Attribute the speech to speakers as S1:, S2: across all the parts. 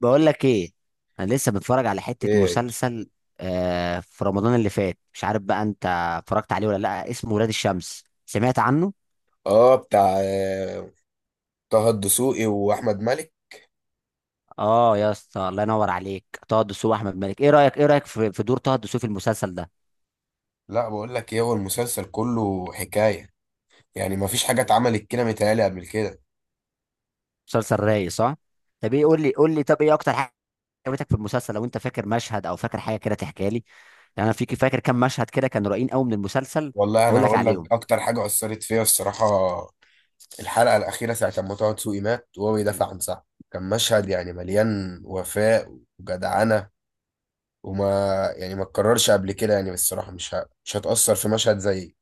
S1: بقول لك ايه؟ انا لسه بتفرج على حتة
S2: ايه.
S1: مسلسل. آه، في رمضان اللي فات، مش عارف بقى انت اتفرجت عليه ولا لا، اسمه ولاد الشمس، سمعت عنه؟
S2: اه بتاع آه، طه الدسوقي واحمد مالك.
S1: اه يا اسطى، الله ينور عليك. طه دسوقي واحمد مالك. ايه رايك، ايه رايك في دور طه دسوقي في المسلسل ده؟
S2: لا بقول لك ايه، هو المسلسل كله حكايه، يعني ما فيش حاجه اتعملت كده متهيألي قبل كده.
S1: مسلسل رايق، صح؟ طب ايه، قول لي قول لي، طب ايه اكتر حاجه عجبتك في المسلسل؟ لو انت فاكر مشهد او فاكر حاجه كده تحكيها لي. يعني انا فيك فاكر كام مشهد كده كانوا رايقين قوي من المسلسل.
S2: والله انا
S1: هقول لك
S2: هقول
S1: عليهم.
S2: لك اكتر حاجه اثرت فيا الصراحه. الحلقه الاخيره ساعه ما طه دسوقي مات وهو بيدافع عن صاحبه، كان مشهد يعني مليان وفاء وجدعنه. وما يعني ما اتكررش قبل كده، يعني بالصراحه مش هتأثر في مشهد زي.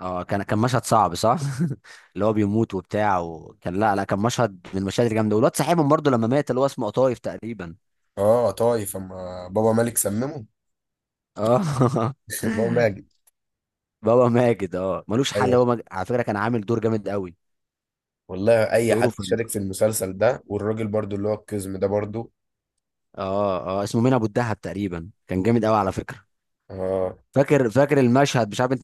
S1: اه كان مشهد صعب، صح؟ اللي هو بيموت وبتاع، وكان، لا لا كان مشهد من المشاهد الجامده. والواد صاحبهم برضه لما مات، اللي هو اسمه قطايف تقريبا.
S2: اه طايف اما بابا مالك سممه.
S1: اه.
S2: بابا ماجد.
S1: بابا ماجد، اه ملوش حل.
S2: ايوه.
S1: هو على فكره كان عامل دور جامد قوي.
S2: والله اي
S1: دوره
S2: حد
S1: في
S2: شارك
S1: الم-
S2: في المسلسل ده، والراجل برضو اللي هو القزم ده برضو.
S1: اه اسمه مين، ابو الدهب تقريبا، كان جامد قوي على فكره.
S2: آه.
S1: فاكر المشهد، مش عارف انت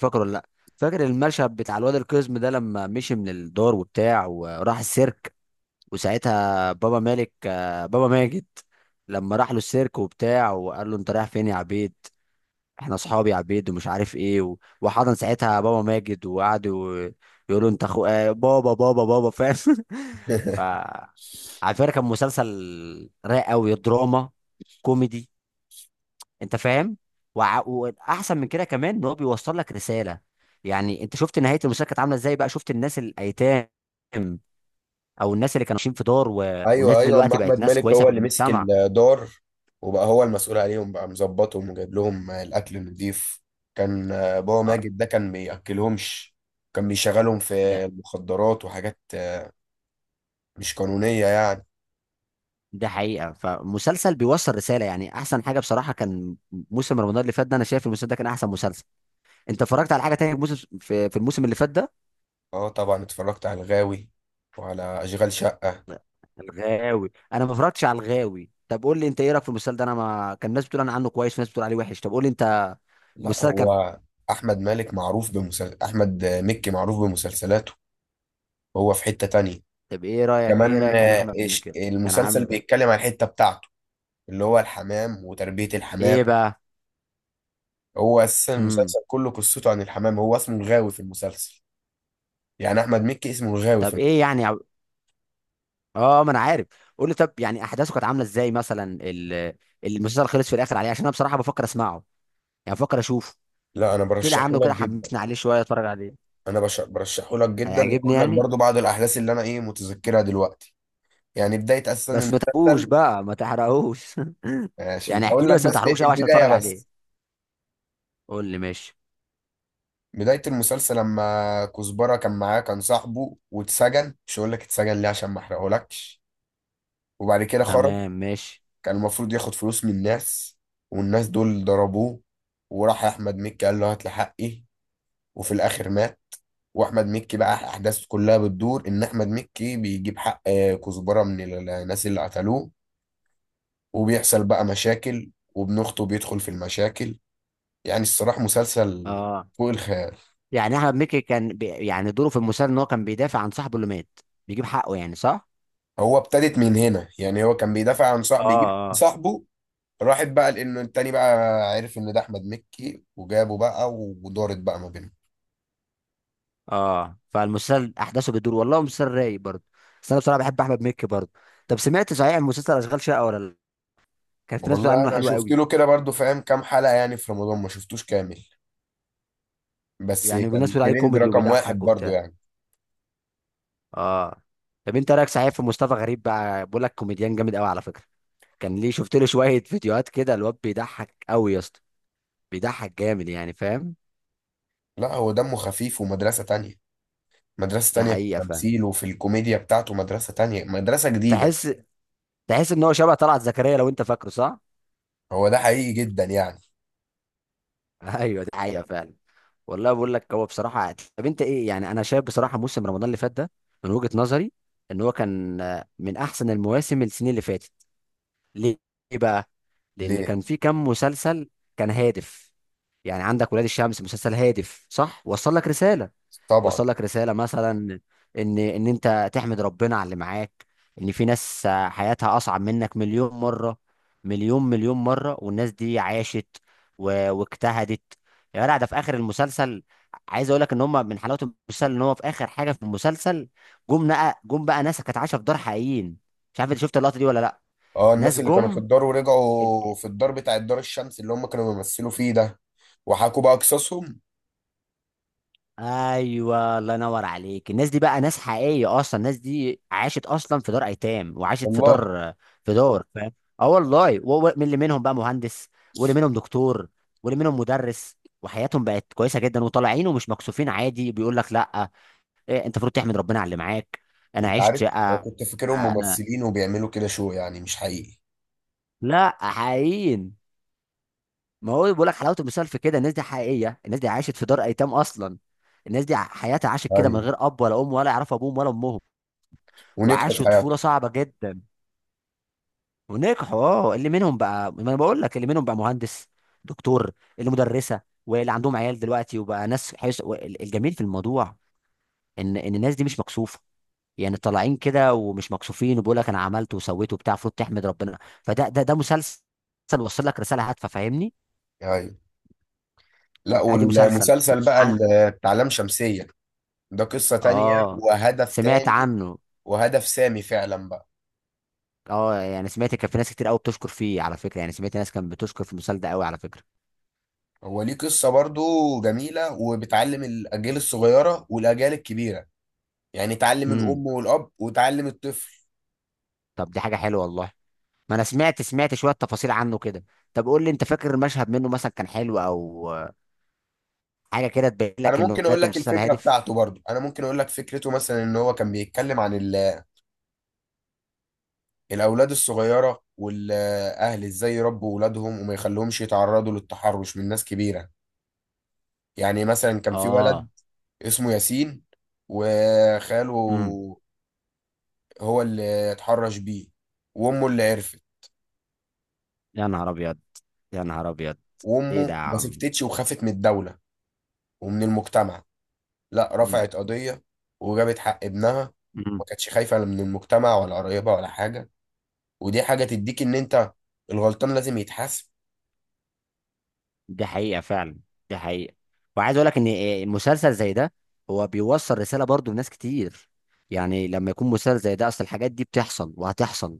S1: فاكره ولا لا؟ فاكر المشهد بتاع الواد القزم ده لما مشي من الدار وبتاع وراح السيرك؟ وساعتها بابا مالك، بابا ماجد، لما راح له السيرك وبتاع وقال له: انت رايح فين يا عبيد؟ احنا اصحاب يا عبيد ومش عارف ايه. وحضن ساعتها بابا ماجد وقعد يقول له انت اخو، بابا فاهم. ف على فكره كان مسلسل رايق قوي، دراما كوميدي، انت فاهم. واحسن من كده كمان ان هو بيوصل لك رساله. يعني انت شفت نهايه المسلسل كانت عامله ازاي بقى؟ شفت الناس الايتام او الناس اللي كانوا عايشين في دار والناس
S2: ايوه
S1: دي
S2: ايوه، اما
S1: دلوقتي بقت
S2: احمد
S1: ناس
S2: مالك
S1: كويسه
S2: هو
S1: في
S2: اللي مسك
S1: المجتمع.
S2: الدار، وبقى هو المسؤول عليهم، بقى مظبطهم وجايب لهم الاكل النضيف. كان بابا
S1: آه،
S2: ماجد ده كان بياكلهمش، كان بيشغلهم في
S1: ده
S2: المخدرات وحاجات مش قانونيه يعني.
S1: ده حقيقه. فمسلسل بيوصل رساله، يعني احسن حاجه بصراحه. كان موسم رمضان اللي فات ده، انا شايف المسلسل ده كان احسن مسلسل. انت اتفرجت على حاجه تانية في موسم، في الموسم اللي فات ده؟
S2: اه طبعا، اتفرجت على الغاوي وعلى اشغال شقه.
S1: الغاوي، انا ما اتفرجتش على الغاوي. طب قول لي انت ايه رايك في المسلسل ده، انا ما كان ناس بتقول انا عنه كويس وناس بتقول عليه وحش. طب قول لي انت
S2: لا
S1: المسلسل كان.
S2: هو احمد مكي معروف بمسلسلاته، هو في حته تانية
S1: طب ايه رايك، ايه
S2: كمان.
S1: رايك كان احمد مكي كان
S2: المسلسل
S1: عامل
S2: بيتكلم عن الحتة بتاعته اللي هو الحمام وتربية الحمام.
S1: ايه بقى؟
S2: هو أساسا
S1: امم
S2: المسلسل كله قصته عن الحمام، هو اسمه الغاوي في المسلسل، يعني أحمد مكي اسمه الغاوي في
S1: طب
S2: المسلسل.
S1: ايه يعني، اه ما انا عارف. قول لي طب، يعني احداثه كانت عامله ازاي مثلا؟ المسلسل خلص في الاخر عليه؟ عشان انا بصراحه بفكر اسمعه، يعني بفكر اشوفه
S2: لا أنا
S1: كده،
S2: برشحه
S1: عامله
S2: لك
S1: كده
S2: جدا.
S1: حمسني عليه شويه اتفرج عليه.
S2: برشحه لك جدا،
S1: هيعجبني
S2: وأقول لك
S1: يعني؟
S2: برضو بعض الأحداث اللي أنا إيه متذكرها دلوقتي. يعني بداية أساسا
S1: بس ما تحرقوش
S2: المسلسل،
S1: بقى، ما تحرقوش.
S2: عشان
S1: يعني احكي
S2: أقول
S1: لي،
S2: لك
S1: بس ما
S2: بس
S1: تحرقوش قوي عشان
S2: البداية
S1: اتفرج
S2: بس.
S1: عليه. قول لي، ماشي.
S2: بداية المسلسل لما كزبرة كان معاه كان صاحبه واتسجن، مش هقول لك اتسجن ليه عشان ما أحرقهولكش. وبعد كده خرج،
S1: تمام، ماشي.
S2: كان المفروض ياخد فلوس من الناس، والناس دول ضربوه، وراح احمد مكي قال له هات لي حقي، وفي الاخر مات. واحمد مكي بقى احداث كلها بتدور ان احمد مكي بيجيب حق كزبره من الناس اللي قتلوه، وبيحصل بقى مشاكل وابن اخته بيدخل في المشاكل. يعني الصراحه مسلسل
S1: اه،
S2: فوق الخيال.
S1: يعني احمد مكي كان يعني دوره في المسلسل ان هو كان بيدافع عن صاحبه اللي مات، بيجيب حقه، يعني صح؟
S2: هو ابتدت من هنا، يعني هو كان بيدافع عن صاحبه يجيب
S1: اه.
S2: صاحبه، راحت بقى لانه التاني بقى عرف ان ده احمد مكي وجابه بقى، ودارت بقى ما بينهم.
S1: اه، فالمسلسل احداثه بتدور، والله مسلسل رايق برضه، بس انا بصراحه بحب احمد مكي برضه. طب سمعت صحيح مسلسل اشغال شقه ولا لا؟ كان في ناس بتقول
S2: والله
S1: عنه
S2: انا
S1: حلو
S2: شفت
S1: قوي
S2: له كده برضو فاهم كام حلقة، يعني في رمضان ما شفتوش كامل، بس
S1: يعني. والناس
S2: كان
S1: بتقول عليه
S2: ترند
S1: كوميدي
S2: رقم
S1: وبيضحك
S2: واحد برضو
S1: وبتاع.
S2: يعني.
S1: اه. طب انت رايك صحيح في مصطفى غريب بقى؟ بقول لك كوميديان جامد قوي على فكره. كان ليه؟ شفت له شويه فيديوهات كده، الواد بيضحك قوي يا اسطى. بيضحك جامد، يعني فاهم.
S2: لا هو دمه خفيف ومدرسة تانية، مدرسة
S1: ده
S2: تانية في
S1: حقيقه، فاهم.
S2: التمثيل وفي الكوميديا بتاعته، مدرسة تانية، مدرسة جديدة.
S1: تحس تحس ان هو شبه طلعت زكريا، لو انت فاكره، صح؟
S2: هو ده حقيقي جدا يعني.
S1: ايوه، دي حقيقه فعلا. والله بقول لك هو بصراحه عادل. طب انت ايه؟ يعني انا شايف بصراحه موسم رمضان اللي فات ده، من وجهه نظري، ان هو كان من احسن المواسم السنين اللي فاتت. ليه؟ ليه بقى؟ لان
S2: ليه؟
S1: كان في كم مسلسل كان هادف. يعني عندك ولاد الشمس مسلسل هادف، صح؟ وصل لك رساله،
S2: طبعا.
S1: وصل لك رساله مثلا ان انت تحمد ربنا على اللي معاك. ان في ناس، حياتها اصعب منك مليون مره، مليون مره، والناس دي عاشت واجتهدت. يا جدع، ده في اخر المسلسل عايز اقول لك ان هم، من حلاوه المسلسل ان هو في اخر حاجه في المسلسل جم، جم بقى ناس كانت عايشه في دار حقيقيين. مش عارف انت شفت اللقطه دي ولا لا.
S2: اه
S1: ناس
S2: الناس اللي كانوا في
S1: جم.
S2: الدار ورجعوا في الدار بتاع الدار الشمس اللي هم كانوا بيمثلوا فيه ده، وحكوا بقى قصصهم.
S1: ايوه، الله ينور عليك. الناس دي بقى ناس حقيقيه اصلا. الناس دي عاشت اصلا في دار ايتام، وعاشت في
S2: والله،
S1: دار، في دار، فاهم. اه والله. من اللي منهم بقى مهندس، واللي منهم دكتور، واللي منهم مدرس، وحياتهم بقت كويسه جدا، وطالعين ومش مكسوفين عادي، بيقول لك لا، إيه، انت المفروض تحمد ربنا على اللي معاك. انا
S2: انت
S1: عشت،
S2: عارف انا كنت فاكرهم
S1: انا
S2: ممثلين وبيعملوا كده شو، يعني مش حقيقي.
S1: لا حقيقيين. ما هو بيقول لك حلاوه المثال في كده، الناس دي حقيقيه، الناس دي عاشت في دار ايتام اصلا. الناس دي حياتها عاشت كده من
S2: ايوه،
S1: غير اب ولا ام، ولا يعرفوا ابوهم ولا امهم،
S2: ونجحوا في
S1: وعاشوا طفوله
S2: حياتهم.
S1: صعبه جدا ونجحوا. اه، اللي منهم بقى، ما انا بقول لك، اللي منهم بقى مهندس، دكتور، اللي مدرسه، واللي عندهم عيال دلوقتي، وبقى ناس الجميل في الموضوع ان الناس دي مش مكسوفه. يعني طالعين كده ومش مكسوفين، وبيقول لك انا عملت وسويت وبتاع، المفروض تحمد ربنا. فده، ده مسلسل وصل لك رساله هادفه، فاهمني.
S2: ايوه. لا
S1: ادي آدي مسلسل
S2: والمسلسل بقى
S1: عن،
S2: اللي بتاع لام شمسية، ده قصة تانية
S1: اه،
S2: وهدف
S1: سمعت
S2: تاني،
S1: عنه.
S2: وهدف سامي فعلا بقى.
S1: اه، يعني سمعت كان في ناس كتير قوي بتشكر فيه على فكره. يعني سمعت ناس كانت بتشكر في المسلسل ده قوي على فكره.
S2: هو ليه قصة برضو جميلة، وبتعلم الأجيال الصغيرة والأجيال الكبيرة، يعني تعلم
S1: امم
S2: الأم والأب وتعلم الطفل.
S1: طب دي حاجه حلوه والله. ما انا سمعت، شويه تفاصيل عنه كده. طب قول لي انت فاكر مشهد منه مثلا كان حلو او حاجه كده تبين
S2: أنا
S1: لك انه
S2: ممكن أقول
S1: بجد
S2: لك
S1: مسلسل
S2: الفكرة
S1: هادف؟
S2: بتاعته، برضو أنا ممكن أقول لك فكرته مثلا إن هو كان بيتكلم عن الأولاد الصغيرة والأهل إزاي يربوا أولادهم وما يخليهمش يتعرضوا للتحرش من ناس كبيرة. يعني مثلا كان في ولد
S1: اه.
S2: اسمه ياسين، وخاله
S1: امم
S2: هو اللي اتحرش بيه، وامه اللي عرفت،
S1: يا نهار ابيض، يا نهار ابيض، ايه ده
S2: وامه
S1: يا
S2: ما
S1: عم؟
S2: سكتتش وخافت من الدولة ومن المجتمع، لا
S1: امم
S2: رفعت قضية وجابت حق ابنها، ما
S1: امم
S2: كانتش خايفة لا من المجتمع ولا قرايبها ولا حاجة. ودي حاجة تديك ان انت الغلطان لازم يتحاسب.
S1: دي حقيقه فعلا، دي حقيقه. وعايز اقول لك ان مسلسل زي ده هو بيوصل رساله برضو لناس كتير. يعني لما يكون مسلسل زي ده، اصل الحاجات دي بتحصل وهتحصل.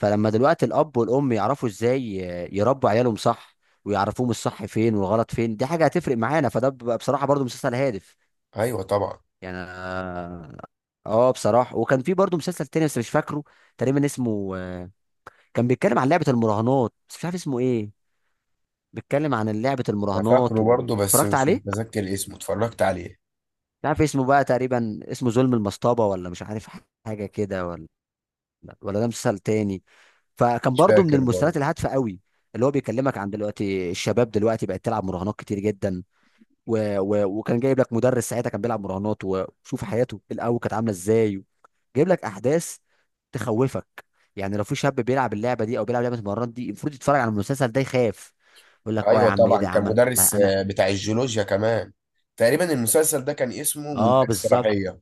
S1: فلما دلوقتي الاب والام يعرفوا ازاي يربوا عيالهم صح، ويعرفوهم الصح فين والغلط فين، دي حاجه هتفرق معانا. فده بيبقى بصراحه برضو مسلسل هادف.
S2: ايوه طبعا.
S1: يعني اه بصراحه، وكان في برضو مسلسل تاني بس مش فاكره، تقريبا اسمه، كان بيتكلم عن لعبه المراهنات، بس مش عارف اسمه ايه. بيتكلم عن لعبه
S2: انا
S1: المراهنات
S2: فاكره برضه بس
S1: واتفرجت
S2: مش
S1: عليه.
S2: متذكر اسمه، اتفرجت عليه.
S1: مش عارف اسمه بقى، تقريبا اسمه ظلم المصطبه، ولا مش عارف، حاجه كده، ولا ولا ده مسلسل تاني. فكان
S2: مش
S1: برضو من
S2: فاكر
S1: المسلسلات
S2: برضه.
S1: الهادفه قوي، اللي هو بيكلمك عن دلوقتي الشباب دلوقتي بقت تلعب مراهنات كتير جدا. وكان جايب لك مدرس ساعتها كان بيلعب مراهنات، وشوف حياته الاول كانت عامله ازاي. جايب لك احداث تخوفك، يعني لو في شاب بيلعب اللعبه دي او بيلعب لعبه المراهنات دي، المفروض يتفرج على المسلسل ده يخاف. يقول لك اه يا
S2: ايوه
S1: عم، ايه
S2: طبعا،
S1: ده يا
S2: كان
S1: عم انا.
S2: مدرس
S1: أنا-
S2: بتاع الجيولوجيا كمان. تقريبا المسلسل ده كان اسمه
S1: اه،
S2: منتهى
S1: بالظبط،
S2: الصلاحية.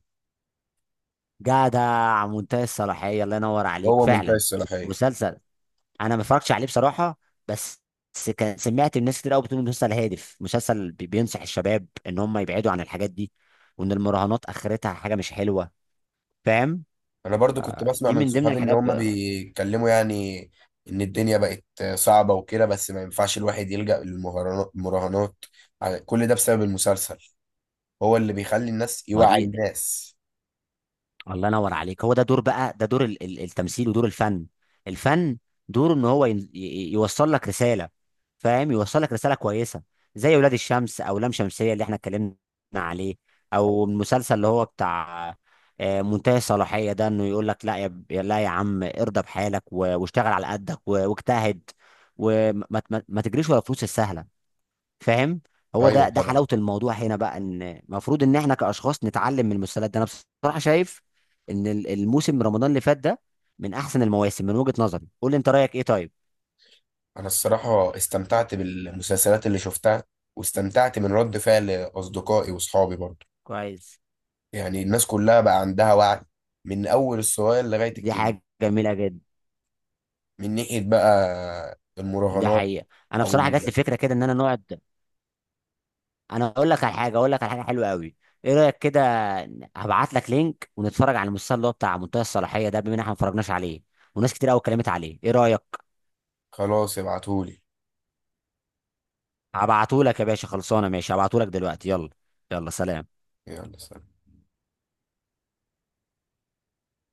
S1: جدع، منتهى الصلاحيه، الله ينور عليك
S2: هو منتهي
S1: فعلا.
S2: الصلاحية.
S1: مسلسل انا ما اتفرجتش عليه بصراحه، بس بس كان سمعت الناس كتير قوي بتقول إنه مسلسل هادف، مسلسل بينصح الشباب ان هم يبعدوا عن الحاجات دي، وان المراهنات اخرتها حاجه مش حلوه، فاهم.
S2: أنا برضو كنت بسمع
S1: دي
S2: من
S1: من ضمن
S2: صحابي إن
S1: الحاجات.
S2: هما بيتكلموا، يعني إن الدنيا بقت صعبة وكده، بس ما ينفعش الواحد يلجأ للمهرجانات المراهنات كل ده بسبب المسلسل، هو اللي بيخلي الناس
S1: ما هو
S2: يوعي
S1: دي،
S2: الناس.
S1: الله ينور عليك، هو ده دور بقى، ده دور التمثيل ودور الفن. الفن دوره ان هو يوصل لك رساله، فاهم. يوصل لك رساله كويسه زي ولاد الشمس، او لام شمسيه اللي احنا اتكلمنا عليه، او المسلسل اللي هو بتاع، منتهي الصلاحيه ده. انه يقول لك لا يا لا يا عم ارضى بحالك، واشتغل على قدك، واجتهد. وما، ما تجريش ورا الفلوس السهله، فاهم. هو
S2: أيوة
S1: ده
S2: طبعا.
S1: حلاوه الموضوع هنا بقى. ان المفروض ان احنا كاشخاص نتعلم من المسلسلات ده. انا بصراحه شايف ان الموسم رمضان اللي فات ده من احسن المواسم من وجهه نظري. قول لي انت رايك ايه؟ طيب،
S2: أنا الصراحة استمتعت بالمسلسلات اللي شفتها، واستمتعت من رد فعل أصدقائي وصحابي برضو.
S1: كويس.
S2: يعني الناس كلها بقى عندها وعي، من أول الصغير لغاية
S1: دي
S2: الكبير،
S1: حاجه جميله جدا.
S2: من ناحية بقى
S1: دي
S2: المراهنات.
S1: حقيقه. انا
S2: أو
S1: بصراحه جات لي فكره كده ان انا نقعد. انا اقول لك على حاجه، اقول لك على حاجه حلوه قوي. ايه رايك كده؟ هبعت لك لينك ونتفرج على المسلسل اللي هو بتاع منتهى الصلاحيه ده، بما ان احنا ما اتفرجناش عليه وناس كتير قوي اتكلمت عليه. ايه رايك؟
S2: خلاص ابعتهولي.
S1: هبعته لك يا باشا، خلصانه، ماشي، هبعته لك دلوقتي. يلا، يلا سلام.
S2: يلا سلام.